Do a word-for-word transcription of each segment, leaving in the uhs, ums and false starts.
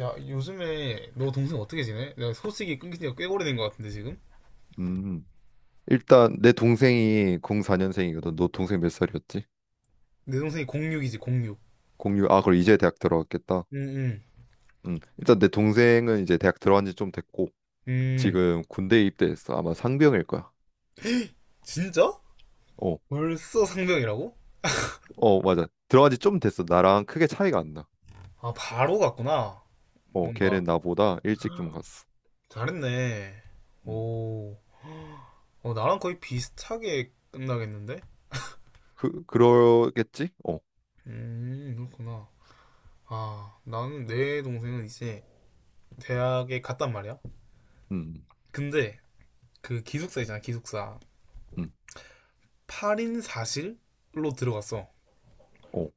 야, 요즘에 너 동생 어떻게 지내? 내가 소식이 끊긴 지가 꽤 오래된 것 같은데, 지금? 음, 일단 내 동생이 공사 년생이거든. 너 동생 몇 살이었지? 내 동생이 공육이지, 공육. 공유 아, 그럼 이제 대학 들어갔겠다. 응, 응, 음, 일단 내 동생은 이제 대학 들어간 지 좀 됐고 응. 지금 군대 입대했어. 아마 상병일 거야. 진짜? 어, 벌써 상병이라고? 어, 맞아. 들어간 지 좀 됐어. 나랑 크게 차이가 안 나. 아, 바로 갔구나. 어, 뭔가, 걔는 나보다 일찍 좀 갔어. 잘했네. 음, 오, 어, 나랑 거의 비슷하게 끝나겠는데? 그 그러겠지? 어, 음, 그렇구나. 아, 나는 내 동생은 이제 대학에 갔단 말이야. 음, 근데 그 기숙사 있잖아, 기숙사. 음, 음. 팔 인 사 실로 들어갔어. 어,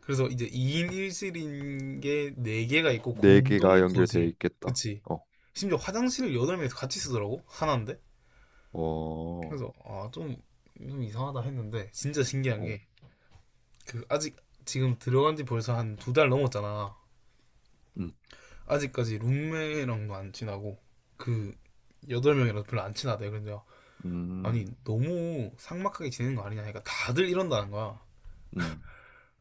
그래서 이제 이 인 일 실인 게 네 개가 있고 네 개가 공동 연결되어 거실. 있겠다. 그치? 어, 심지어 화장실을 여덟 명이서 같이 쓰더라고? 하나인데? 어, 그래서 아, 좀, 좀 이상하다 했는데 진짜 신기한 어, 게 그 아직 지금 들어간 지 벌써 한 두 달 넘었잖아. 음, 아직까지 룸메랑도 안 친하고 그 여덟 명이랑 별로 안 친하대. 근데 아니 음, 너무 삭막하게 지내는 거 아니냐 하니까 다들 이런다는 거야. 음.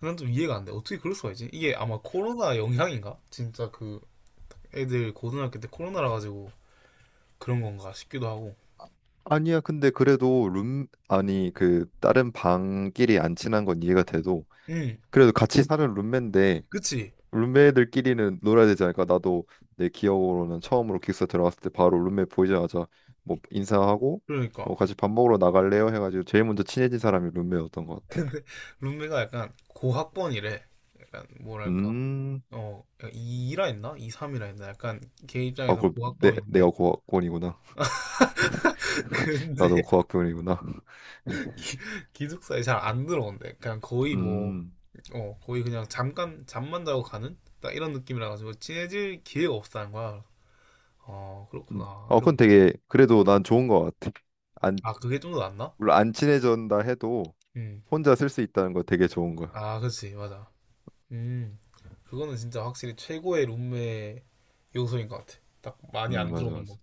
난 좀 이해가 안 돼. 어떻게 그럴 수가 있지? 이게 아마 코로나 영향인가? 진짜 그 애들 고등학교 때 코로나라 가지고 그런 건가 싶기도 하고. 아니야, 근데 그래도 룸, 아니, 그, 다른 방끼리 안 친한 건 이해가 돼도, 응, 그래도 같이 사는 룸메인데, 그치? 룸메들끼리는 놀아야 되지 않을까? 나도 내 기억으로는 처음으로 기숙사 들어갔을 때 바로 룸메 보이자마자 뭐 인사하고, 뭐 그러니까. 같이 밥 먹으러 나갈래요? 해가지고 제일 먼저 친해진 사람이 룸메였던 것 같아. 룸메가 약간 고학번이래. 약간 뭐랄까. 음, 어, 이라 했나? 이, 삼이라 했나? 약간 걔 아, 입장에선 그럼 내, 내가 고학번인데. 고학번이구나. 나도 근데 고학번이구나. 기- 기숙사에 잘 안 들어온대. 그냥 거의 뭐, 음, 어, 거의 그냥 잠깐 잠만 자고 가는? 딱 이런 느낌이라 가지고 친해질 기회가 없다는 거야. 어, 음. 그렇구나. 어, 이러고 그건 있지. 되게, 그래도 난 좋은 것 같아. 안, 아, 그게 좀 더 낫나? 물론 안 친해진다 해도, 응. 혼자 쓸 수 있다는 거 되게 좋은 거야. 아, 그치. 맞아. 음, 그거는 진짜 확실히 최고의 룸메 요소인 것 같아. 딱 많이 음, 안 맞아, 들어오는 거. 맞아.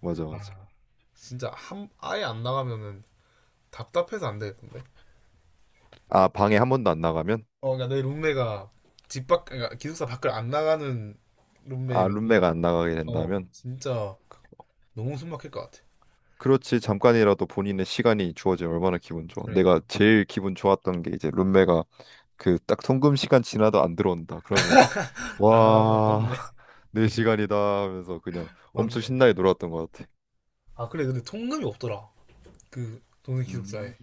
맞아, 맞아. 아, 진짜 한, 아예 안 나가면은 답답해서 안 되겠던데. 아, 방에 한 번도 안 나가면? 어, 그러니까 내 룸메가 집 밖, 그러니까 기숙사 밖을 안 나가는 아, 룸메가 룸메면은, 안 나가게 어, 된다면? 진짜 그- 너무 숨 막힐 것 같아. 그렇지, 잠깐이라도 본인의 시간이 주어지면 얼마나 기분 좋아. 그러니까. 내가 제일 기분 좋았던 게 이제 룸메가 그 딱 통금 시간 지나도 안 들어온다. 그러면, 아, 와, 맞네. 내 시간이다 하면서 그냥 맞네. 엄청 신나게 놀았던 것 같아. 아, 그래. 근데 통금이 없더라. 그 동생 음, 기숙사에.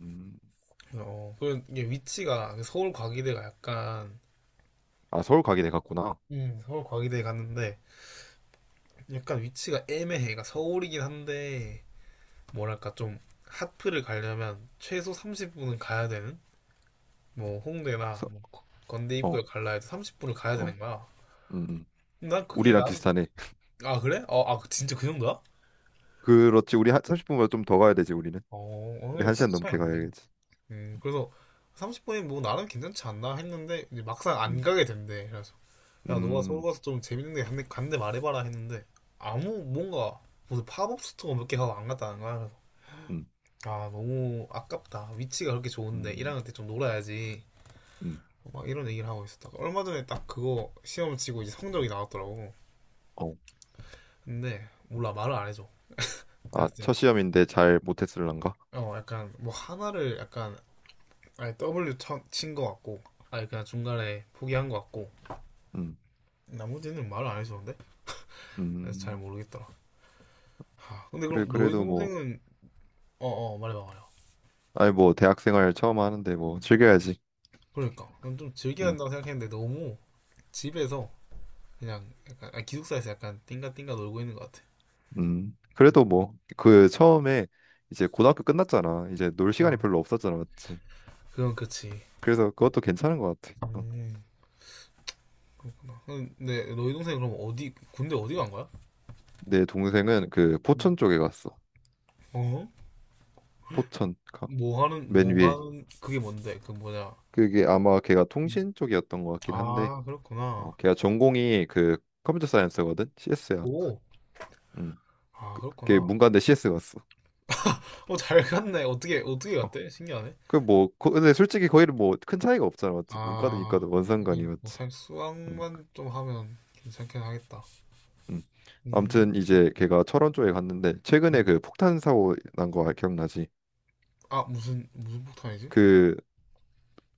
음. 어, 그게 위치가 서울 과기대가 약간, 아, 서울 가게 돼 갔구나. 음, 서울 과기대에 갔는데, 약간 위치가 애매해. 그러니까 서울이긴 한데 뭐랄까 좀 하프를 가려면 최소 삼십 분은 가야 되는 뭐 홍대나 서, 뭐 건대 어, 입구에 갈라 해도 삼십 분을 가야 어, 되는 거야. 음, 음. 난 그게 우리랑 난, 비슷하네. 아, 그래? 어, 아, 진짜 그 정도야? 그렇지, 우리 한 삼십 분보다 좀 더 가야 되지, 우리는. 어, 우리 오늘 한 시간 진짜 차이 넘게 안 나네. 가야겠지. 음, 그래서 삼십 분이 뭐 나름 괜찮지 않나 했는데 이제 막상 안 음, 가게 된대. 그래서 야, 너가 서울 음, 가서 좀 재밌는 데 간대, 간대 말해봐라 했는데 아무 뭔가 무슨 팝업 스토어 몇 개 가고 안 갔다는 거야. 음, 아, 너무 아깝다. 위치가 그렇게 좋은데 일학 음, 년 때 좀 놀아야지. 음. 막 이런 얘기를 하고 있었다가 얼마 전에 딱 그거 시험을 치고 이제 성적이 나왔더라고. 어. 근데 몰라 말을 안 해줘. 내가 아, 그때 첫 시험인데 잘 못했을란가? 어 약간 뭐 하나를 약간 아예 더블유 친 거 같고 아예 그냥 중간에 포기한 거 같고 음, 나머지는 말을 안 해주는데 그래서 잘 음. 모르겠더라. 하, 근데 그래, 그럼 너희 그래도 뭐, 동생은 어어 어, 말해봐 말해봐. 아니 뭐 대학생활 처음 하는데 뭐 즐겨야지. 그러니까 난좀 즐겨야 음, 한다고 생각했는데 너무 집에서 그냥 약간 아, 기숙사에서 약간 띵가띵가 놀고 있는 것 같아. 음. 그래도 뭐 그 처음에 이제 고등학교 끝났잖아. 이제 놀 시간이 어. 별로 없었잖아, 맞지? 그건 그치. 그래서 그것도 괜찮은 것 같아. 어. 음, 그렇구나. 음, 네, 너희 동생 그럼 어디 군대 어디 간 거야? 내 동생은 그 포천 쪽에 갔어. 어? 포천, 가- 뭐 하는 맨 뭐 위에. 하는 그게 뭔데? 그 뭐냐? 그게 아마 걔가 통신 쪽이었던 것 같긴 한데. 아, 어, 그렇구나. 걔가 전공이 그 컴퓨터 사이언스거든. 씨에스야. 오, 음. 아, 걔 그렇구나. 문과인데 씨에스 갔어. 어, 잘 갔네. 어떻게 어떻게 어. 갔대? 신기하네. 그 뭐 근데 솔직히 거기는 뭐 큰 차이가 없잖아. 맞지? 문과도 아, 이과도 뭔 상관이 하긴 맞지? 뭐살 음. 수학만 좀 하면 괜찮긴 하겠다. 음. 음. 아무튼 이제 걔가 철원 쪽에 갔는데 최근에 그 어. 폭탄 사고 난거 아, 기억나지? 아, 무슨 무슨 폭탄이지? 그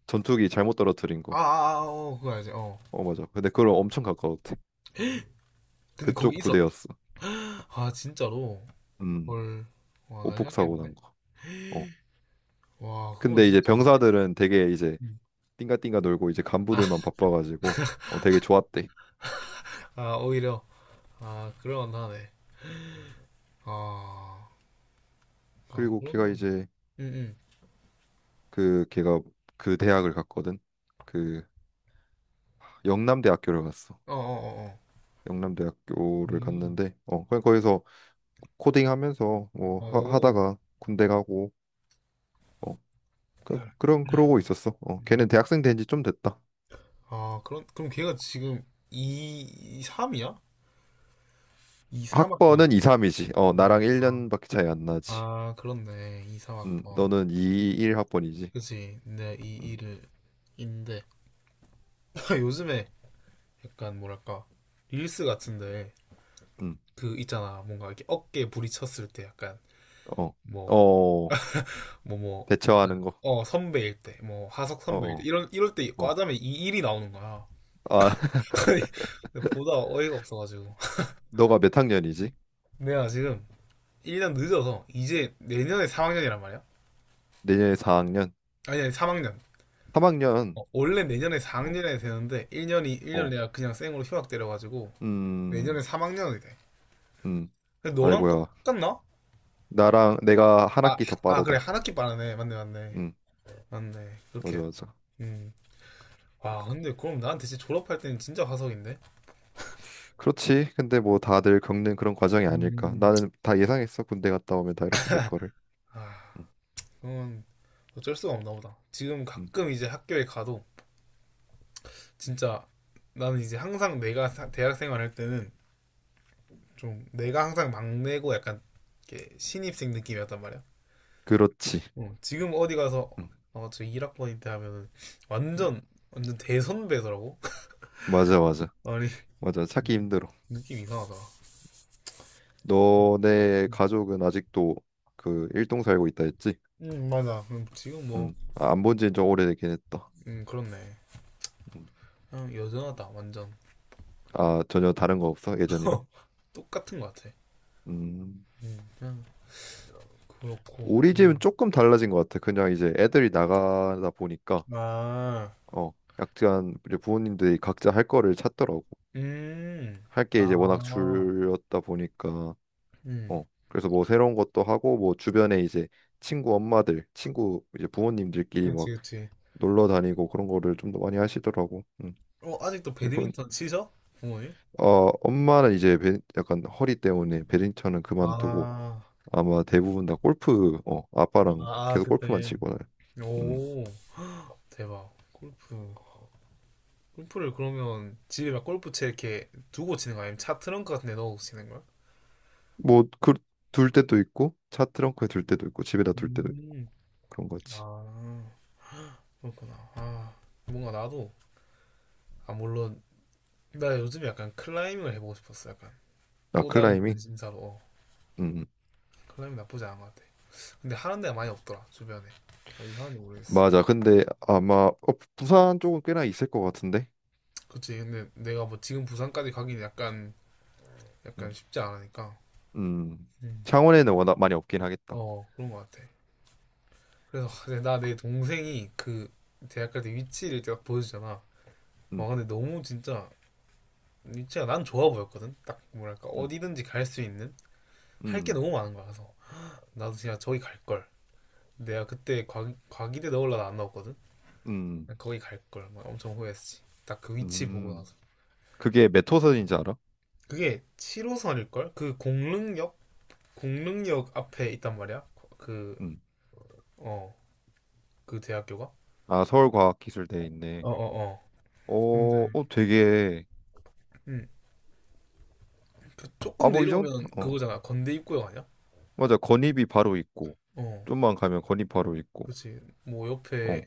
전투기 잘못 떨어뜨린 아, 거. 아, 아, 어, 그거 알지. 어. 어, 맞아. 근데 그걸 엄청 가까웠대. 근데 거기 그쪽 있었. 부대였어. 아, 진짜로. 음. 헐. 와, 난리 오폭 사고 나겠는데? 난 거. 어. 와, 그건 근데 이제 진짜 무섭겠다. 병사들은 되게 이제 띵가띵가 놀고 이제 아, 간부들만 바빠가지고 어 되게 좋았대. 아, 오히려 아 그럴만 하네. 아, 아 그리고 걔가 그러면 이제 응응 그 걔가 그 대학을 갔거든. 그 영남대학교를 갔어. 어어어어 영남대학교를 음. 갔는데 어 그냥 거기서 코딩하면서 뭐 하, 오. 하다가 군대 가고 어 그, 그런 그러고 있었어. 어 걔는 음. 대학생 된 지 좀 됐다. 아 그런 그럼 걔가 지금 이 삼이야? 이 삼 학번이야. 학번은 이, 삼이지. 어 아, 나랑 일 년밖에 차이 안 아, 나지. 아, 그렇네. 이 음 삼 학번. 너는 이, 일 학번이지. 그치. 내이일 음. 을 인데 요즘에 약간 뭐랄까 릴스 같은데 음. 그 있잖아 뭔가 이렇게 어깨 부딪혔을 때 약간 어. 뭐어 뭐뭐 대처하는 거. 어, 선배일 때, 뭐, 하석 어. 선배일 때, 어. 이런, 이럴 때 어. 과자면 이 일이 나오는 거야. 아 근데 보다 어이가 없어가지고. 너가 몇 학년이지? 내가 지금 일 년 늦어서, 이제 내년에 삼 학년이란 말이야? 내년에 사 학년. 아니, 아니, 삼 학년. 삼 학년. 어, 원래 내년에 사 학년이 되는데, 일 년이 일 년 어. 내가 그냥 쌩으로 휴학 때려가지고, 음, 내년에 삼 학년이 돼. 음, 근데 너랑 아이고야. 똑같나? 나랑 내가 한 아, 학기 더 하- 아, 그래, 빠르다. 한 학기 빠르네. 맞네, 맞네. 음, 맞네. 그렇게 맞아, 했다. 맞아. 음. 그, 와, 근데 그럼 나한테 진짜 졸업할 때는 진짜 화석인데? 그렇지. 근데 뭐 다들 겪는 그런 과정이 아닐까. 음. 나는 다 예상했어. 군대 갔다 오면 다 이렇게 될 거를. 아, 음, 그건 어쩔 수가 없나 보다. 지금 음. 가끔 이제 학교에 가도 진짜 나는 이제 항상 내가 대학 생활할 때는 좀 내가 항상 막내고 약간 이렇게 신입생 느낌이었단 말이야. 그렇지. 어, 지금 어디 가서 음, 어, 저 일 학번인데 하면은 음. 완전 완전 대선배더라고. 맞아, 맞아. 아니 맞아. 찾기 힘들어. 느낌 이상하다. 너네 가족은 아직도 그 일동 살고 있다 했지? 음 맞아. 음, 지금 뭐 음, 아, 안본 지는 좀 오래되긴 했다. 음, 그렇네. 음. 그냥 여전하다 완전 아, 전혀 다른 거 없어? 예전이랑? 똑같은 것 같아. 음. 음, 그냥 그렇고. 우리 집은 음. 조금 달라진 것 같아. 그냥 이제 애들이 나가다 보니까 아 어 약간 우리 부모님들이 각자 할 거를 찾더라고. 음, 할 게 이제 워낙 아, 줄였다 보니까 음. 어 그래서 뭐 새로운 것도 하고 뭐 주변에 이제 친구 엄마들, 친구 이제 부모님들끼리 그치, 막 그치. 놀러 다니고 그런 거를 좀 더 많이 하시더라고. 음. 어, 아직도 이건 배드민턴 치셔? 부모님? 어 엄마는 이제 배- 약간 허리 때문에 배드민턴은 그만두고 아, 아마 대부분 다 골프 어 아빠랑 아, 계속 골프만 그때. 치거든. 오, 대박. 골프. 골프를 그러면 집에 막 골프채 이렇게 두고 치는 거야? 아니면 차 트렁크 같은 데 넣어서 치는 거야? 뭐그둘 때도 있고 차 트렁크에 둘 때도 있고 집에다 둘 때도 있고 음, 그런 거지. 아, 그렇구나. 아, 뭔가 나도, 아, 물론, 나 요즘에 약간 클라이밍을 해보고 싶었어. 약간 아 또 다른 클라이밍? 관심사로. 어, 음 음. 클라이밍 나쁘지 않은 것 같아. 근데 하는 데가 많이 없더라, 주변에. 어디 하는지 모르겠어. 맞아. 근데 아마 어, 부산 쪽은 꽤나 있을 것 같은데. 그치 근데 내가 뭐 지금 부산까지 가긴 약간 약간 음, 쉽지 않으니까 음. 음. 창원에는 워낙 많이 없긴 하겠다. 어 그런 것 같아 그래서 나 내 동생이 그 대학 갈때 위치를 딱 보여주잖아 와 음, 근데 너무 진짜 위치가 난 좋아 보였거든 딱 뭐랄까 음, 어디든지 갈 수 있는 할 게 음, 너무 많은 거야 그래서 나도 진짜 저기 갈 걸 내가 그때 과, 과기대 넣으려다 안 넣었거든 음, 거기 갈걸 막 엄청 후회했지 딱 그 위치 보고 음. 나서 그게 몇 호선인지 알아? 그게 칠 호선일걸 그 공릉역 공릉역 앞에 있단 말이야 그 음. 어, 그 대학교가? 아 서울과학기술대에 있네. 어, 어, 어. 근데 어, 어 되게 음, 그 아 조금 뭐 이 정도 내려오면 어 그거잖아. 건대 입구역 아니야? 맞아 건입이 바로 있고 어, 좀만 가면 건입 바로 있고 그렇지. 뭐 옆에 어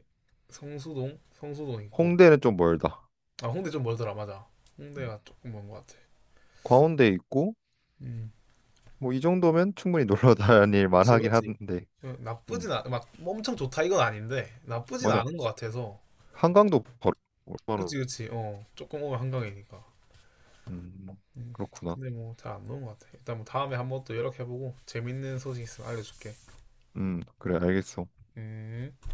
성수동, 성수동 있고. 홍대는 좀 멀다. 아, 홍대 좀 멀더라, 맞아. 음. 홍대가 조금 먼 것 같아. 과운대 있고 음, 뭐 이 정도면 충분히 놀러 다닐 만하긴 그렇지, 한데 그 어, 음 나쁘진 않, 막뭐 엄청 좋다 이건 아닌데 나쁘진 맞아 않은 것 같아서. 한강도 바로 얼마나 그치, 그치. 어, 조금 오면 한강이니까. 음 음, 그렇구나 근데 뭐 잘 안 노는 것 같아. 일단 뭐 다음에 한번 또 연락해보고 재밌는 소식 있으면 알려줄게. 음 그래 알겠어 음.